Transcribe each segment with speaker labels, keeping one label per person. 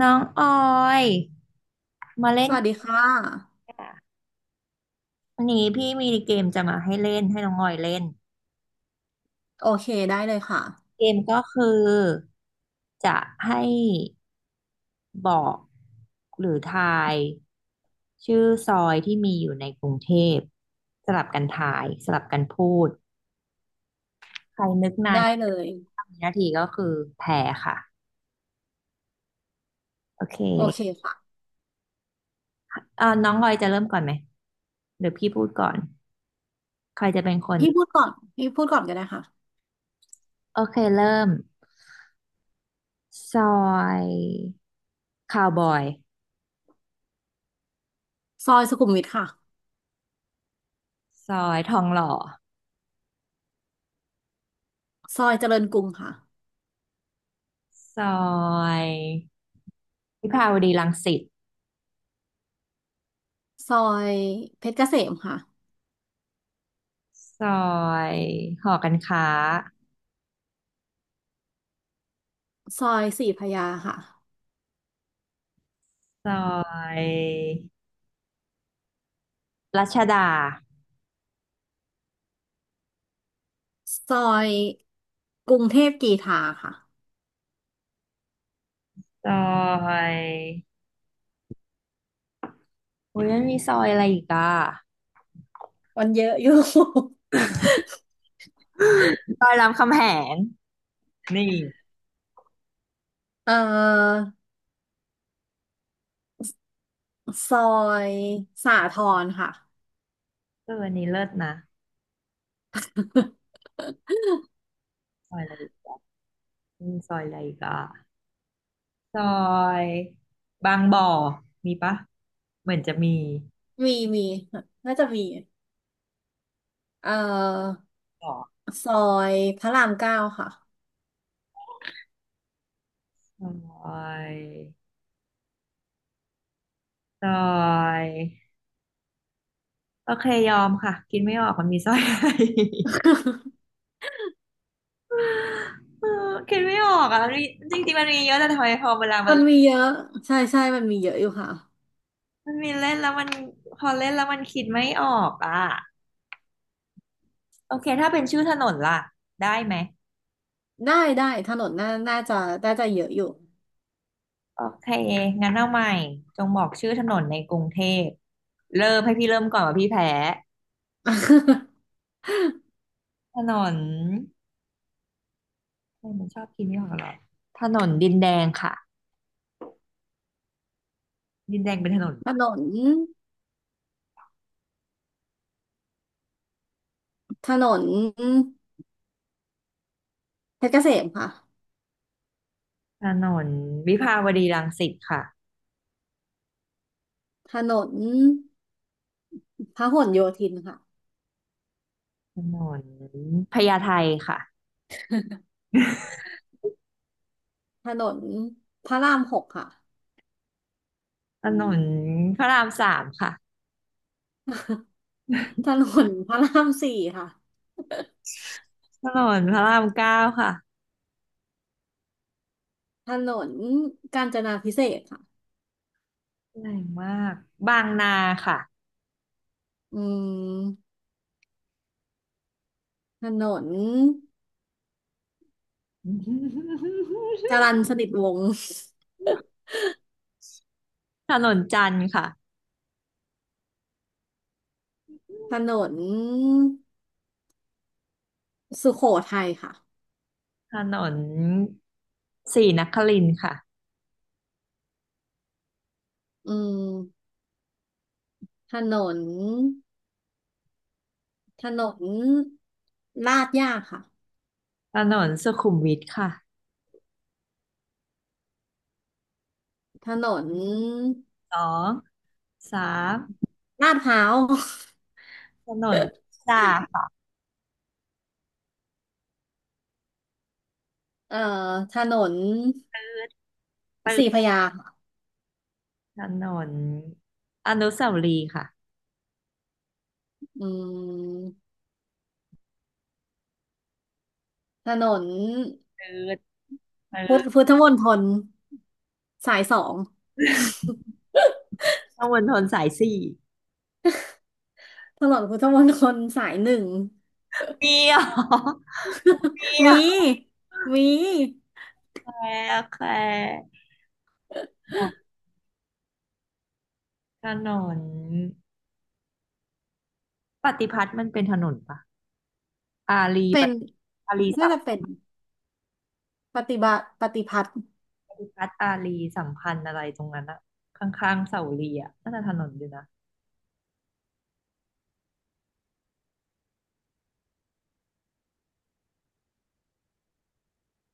Speaker 1: น้องออยมาเล่
Speaker 2: ส
Speaker 1: น
Speaker 2: วั
Speaker 1: เก
Speaker 2: สดี
Speaker 1: ม
Speaker 2: ค่ะ
Speaker 1: ค่ะวันนี้พี่มีเกมจะมาให้เล่นให้น้องออยเล่น
Speaker 2: โอเคได้เลยค่ะ
Speaker 1: เกมก็คือจะให้บอกหรือทายชื่อซอยที่มีอยู่ในกรุงเทพสลับกันทายสลับกันพูดใครนึกนาน
Speaker 2: ได้เลย
Speaker 1: สามนาทีก็คือแพ้ค่ะโอเค
Speaker 2: โอเคค่ะ
Speaker 1: น้องออยจะเริ่มก่อนไหมหรือพี่พูดก่อนใครจะเป็นคน
Speaker 2: พี่พูดก่อนพี่พูดก่อนก็ได้ค่ะ
Speaker 1: โอเคเริ่ม ซอยคาวบอย
Speaker 2: ซอยสุขุมวิทค่ะ
Speaker 1: ซอยทองหล่อ
Speaker 2: ซอยเจริญกรุงค่ะ
Speaker 1: ซอยวิภาวดีรังสิต
Speaker 2: ซอยเพชรเกษมค่ะ
Speaker 1: ซอยหอการค้า
Speaker 2: ซอยศรีพระยาค่ะ
Speaker 1: ซอยรัชดา
Speaker 2: ซอยกรุงเทพกรีฑาค่ะ
Speaker 1: ซอยโอ้ยมันมีซอยอะไรอีกอ่ะ
Speaker 2: วันเยอะอยู่
Speaker 1: ซอยรามคำแหงนี่
Speaker 2: เอ่อซอยสาทรค่ะ
Speaker 1: เอออันนี้เลิศนะซอยอะไรอีกมีซอยอะไรอีกอ่ะ ซอยบางบ่อมีปะ เหมือนจะมี
Speaker 2: มีน่าจะมีเอ่อ
Speaker 1: บ่อ
Speaker 2: ซอยพระรามเก้าค่ะ
Speaker 1: ซอย ซอยโอเคยอมค่ะกินไม่ออกมันมีซอย อะไร เออกิดไม่ออกอ่ะมันมีจริงๆมันมีเยอะแต่ทำไมพอเวลามัน
Speaker 2: มันมีเยอะใช่ใช่มันมีเยอะอยู่ค่ะ
Speaker 1: มันมีเล่นแล้วมันพอเล่นแล้วมันคิดไม่ออกอ่ะโอเคถ้าเป็นชื่อถนนล่ะได้ไหม
Speaker 2: ได้ถนนน่าจะน่าจะเยอะอยู่
Speaker 1: โอเคงั้นเอาใหม่จงบอกชื่อถนนในกรุงเทพเริ่มให้พี่เริ่มก่อนว่าพี่แพ้ ถนนเออมันชอบคิดไม่ออกหรอถนนดินแดงค่ะดินแดงเป็นถนน
Speaker 2: ถ
Speaker 1: ปะ
Speaker 2: นนถนนเพชรเกษมค่ะ
Speaker 1: ถนนวิภาวดีรังสิตค่ะ
Speaker 2: ถนนพหลโยธินค่ะ
Speaker 1: ถนนพญาไทค่ะ
Speaker 2: ถนนพระรามหกค่ะ
Speaker 1: ถนนพระรามสามค่ะ
Speaker 2: ถนนพระรามสี่ค่ะ
Speaker 1: ถนนพระรามเก้าค่ะ
Speaker 2: ถนนกาญจนาพิเศษกค่ะ
Speaker 1: แรงมาก บางนาค่ะ
Speaker 2: อืมถนนจรัญ สนิทวงศ์
Speaker 1: ถนนจันทร์ค่ะ
Speaker 2: ถนนสุโขทัยค่ะ
Speaker 1: ถนนศรีนครินทร์ค่ะ
Speaker 2: อืมถนน ถนนลาดย่าค่ะ
Speaker 1: ถนนสุขุมวิทค่ะ
Speaker 2: ถนน
Speaker 1: สองสาม
Speaker 2: ลาดพร้าว
Speaker 1: ถนนสามค่ะ
Speaker 2: เอ่อถนน
Speaker 1: ปืดปื
Speaker 2: สี่พระ
Speaker 1: ด
Speaker 2: ยาค่ะ
Speaker 1: ถนนอนุสาวรีย์ค่ะ
Speaker 2: อืมถนน
Speaker 1: ปืดปืด
Speaker 2: พุทธมณฑลสายสอง
Speaker 1: ถนนมณฑลสายสี่
Speaker 2: ถนนพุทธมณฑลสายหนึ่ง
Speaker 1: มี เหรอมี
Speaker 2: มีมี
Speaker 1: แคโอเควร์ถนนปฏิพัฒน์มันเป็นถนนปะอารี
Speaker 2: เป็น
Speaker 1: ปะอารีสั
Speaker 2: น่า
Speaker 1: ม
Speaker 2: จะเป็นปฏิพัฒน์
Speaker 1: ปฏิพัฒน์อารีสัมพันธ์อะไรตรงนั้นอะข้างๆเสาเรียอะน่าจะถนนอยู่นะ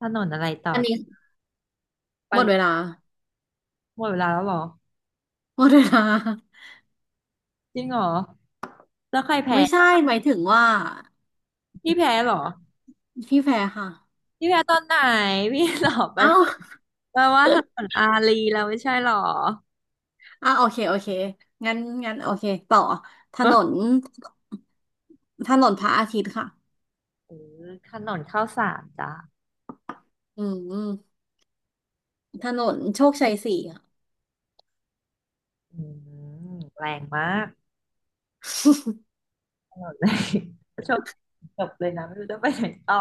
Speaker 1: ถนนอะไรต่อ
Speaker 2: อันนี้หมดเว
Speaker 1: ไป
Speaker 2: ลา
Speaker 1: หมดเวลาแล้วเหรอ
Speaker 2: หมดเวลา
Speaker 1: จริงเหรอแล้วใครแพ้
Speaker 2: ไม่ใช่หมายถึงว่า
Speaker 1: พี่แพ้เหรอ
Speaker 2: พี่แพรค่ะ
Speaker 1: พี่แพ้ตอนไหนพี่หลอกไป
Speaker 2: เอ้า
Speaker 1: แปลว่าถนนอารีแล้วไม่ใช่เหรอ
Speaker 2: อ่ะโอเคงั้นโอเคต่อถน
Speaker 1: เ
Speaker 2: นพระอาทิตย์ค่ะ
Speaker 1: ออถนนข้าวสารจ้ะ
Speaker 2: อืมถนนโชคชัยสี่ค่ะ
Speaker 1: อืมแรงมาก หมดเลย ช่จบเลยนะไม่รู้จะไปไหนต่อ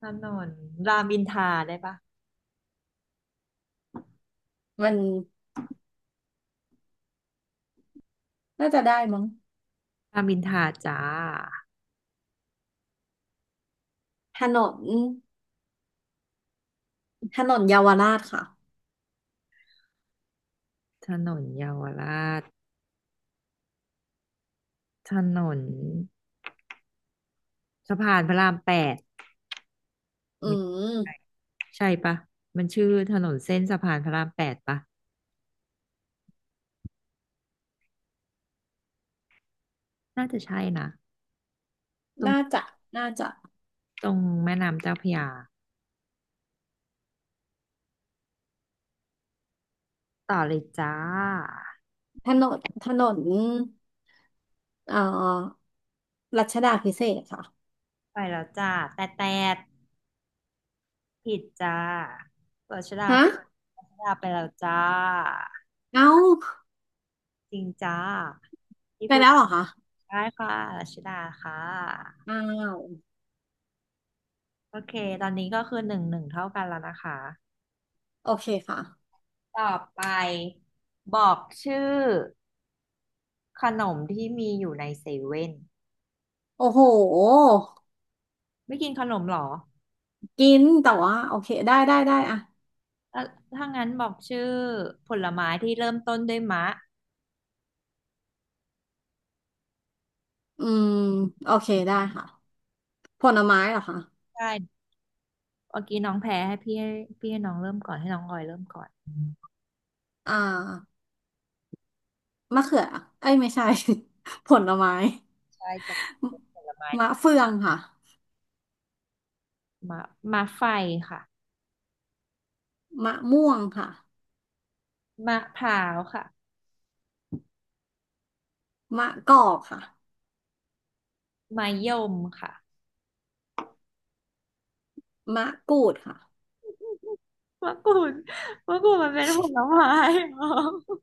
Speaker 1: ถนนรามอินทราได้ปะ
Speaker 2: มันน่าจะได้มั้ง
Speaker 1: รามอินทราจ้า
Speaker 2: ถนนเยาวราชค่ะ
Speaker 1: ถนนเยาวราชถนนสะพานพระรามแปด
Speaker 2: อื
Speaker 1: ไม่ใช่
Speaker 2: ม
Speaker 1: ใช่ปะมันชื่อถนนเส้นสะพานพระรามแปดปะน่าจะใช่นะตร
Speaker 2: น่า
Speaker 1: ง
Speaker 2: จะน่าจะ
Speaker 1: ตรงแม่น้ำเจ้าพระยาต่อเลยจ้า
Speaker 2: ถนนถนนเอ่อรัชดาพิเศษกค่ะ
Speaker 1: ไปแล้วจ้าแต่แต่ผิดจ้ารัชดา
Speaker 2: ฮะ
Speaker 1: รัชดาไปแล้วจ้า
Speaker 2: เอ้า
Speaker 1: จริงจ้าที่
Speaker 2: ไป
Speaker 1: พูด
Speaker 2: แล้วเหรอคะ
Speaker 1: ได้ค่ะรัชดาค่ะ
Speaker 2: อ้าว
Speaker 1: โอเค ตอนนี้ก็คือหนึ่งหนึ่งเท่ากันแล้วนะคะ
Speaker 2: โอเคค่ะ
Speaker 1: ต่อไปบอกชื่อขนมที่มีอยู่ในเซเว่น
Speaker 2: โอ้โห
Speaker 1: ไม่กินขนมเหรอ
Speaker 2: กินแต่ว่าโอเคได้อะ
Speaker 1: เอ่อถ้างั้นบอกชื่อผลไม้ที่เริ่มต้นด้วยมะ
Speaker 2: อืมโอเคได้ค่ะผลไม้เหรอคะ
Speaker 1: ใช่เมื่อกี้น้องแพ้ให้พี่ให้พี่ให้น้องเริ่มก่อนให้น้องออยเริ่มก่อน
Speaker 2: อ่ามะเขือเอ้ยไม่ใช่ ผลไม้
Speaker 1: ใช่จะเป็นผลไม้
Speaker 2: มะเฟืองค่ะ
Speaker 1: มะมะไฟค่ะ
Speaker 2: มะม่วงค่ะ
Speaker 1: มะพร้าวค่ะ
Speaker 2: มะกอกค่ะ
Speaker 1: มะยมค่ะ
Speaker 2: มะกรูดค่ะ
Speaker 1: มะกรูดมะกรูดมันเป็นผลไม้เหรอ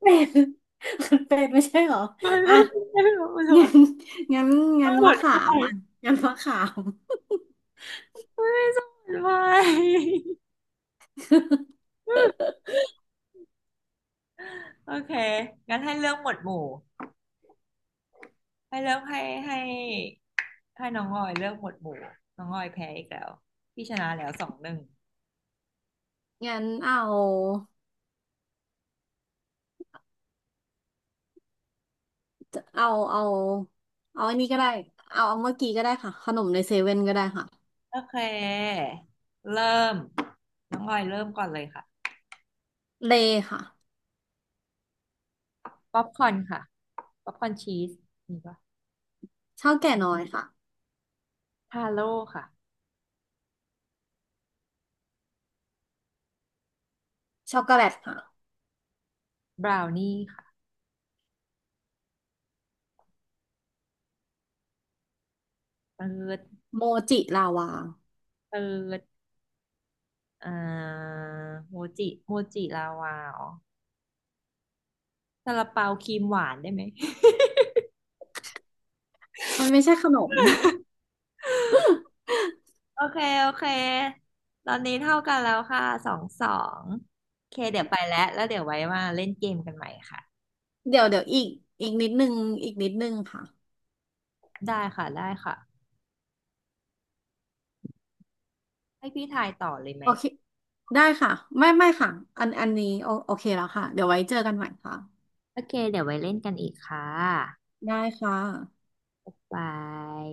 Speaker 2: เป็ดมัน เป็ดไม่ใช่เหรอ
Speaker 1: มัน
Speaker 2: อ่ะ
Speaker 1: ไม่ใช่ของมั
Speaker 2: งั้
Speaker 1: น
Speaker 2: นงั้นมะขามอ่ะงั้นมะขาม
Speaker 1: ไม่โอเคงั้นให้เลือกหมวดหมู่ ให้เลือกให้ให้ให้น้องออยเลือกหมวดหมู่ น้องออยแพ้อีกแล้ว พี่ชนะแล้วสองหนึ่ง
Speaker 2: งั้นเอาเอาเอาเอาอันนี้ก็ได้เอาเมื่อกี้ก็ได้ค่ะขนมในเซเว่นก็ได้ค่ะ
Speaker 1: โอเค เริ่ม น้องออยเริ่มก่อนเลยค่ะ
Speaker 2: เลย์ค่ะ
Speaker 1: ป๊อปคอร์นค่ะป๊อปคอร์นชีสมีปะ
Speaker 2: ข้าวแก่น้อยค่ะ
Speaker 1: ทาโร่ค่ะ
Speaker 2: ช็อกโกแลตค่ะ
Speaker 1: บราวนี่ค่ะเติร์ด
Speaker 2: โมจิลาวา
Speaker 1: เติร์ดอ่าโมจิโมจิลาวาอ๋อซาลาเปาครีมหวานได้ไหม
Speaker 2: มันไม่ใช่ขนม
Speaker 1: โอเคโอเค ตอนนี้เท่ากันแล้วค่ะสองสองโอเคเดี๋ยวไปแล้วแล้วเดี๋ยวไว้มาเล่นเกมกันใหม่ค่ะ
Speaker 2: เดี๋ยวอีกอีกนิดนึงค่ะ
Speaker 1: ได้ค่ะ ได้ค่ะ ให้พี่ทายต่อเลยไหม
Speaker 2: โอเคได้ค่ะไม่ค่ะอันอันนี้โอโอเคแล้วค่ะเดี๋ยวไว้เจอกันใหม่ค่ะ
Speaker 1: โอเคเดี๋ยวไว้เล่นกันอีกค่ะ
Speaker 2: ได้ค่ะ
Speaker 1: บาย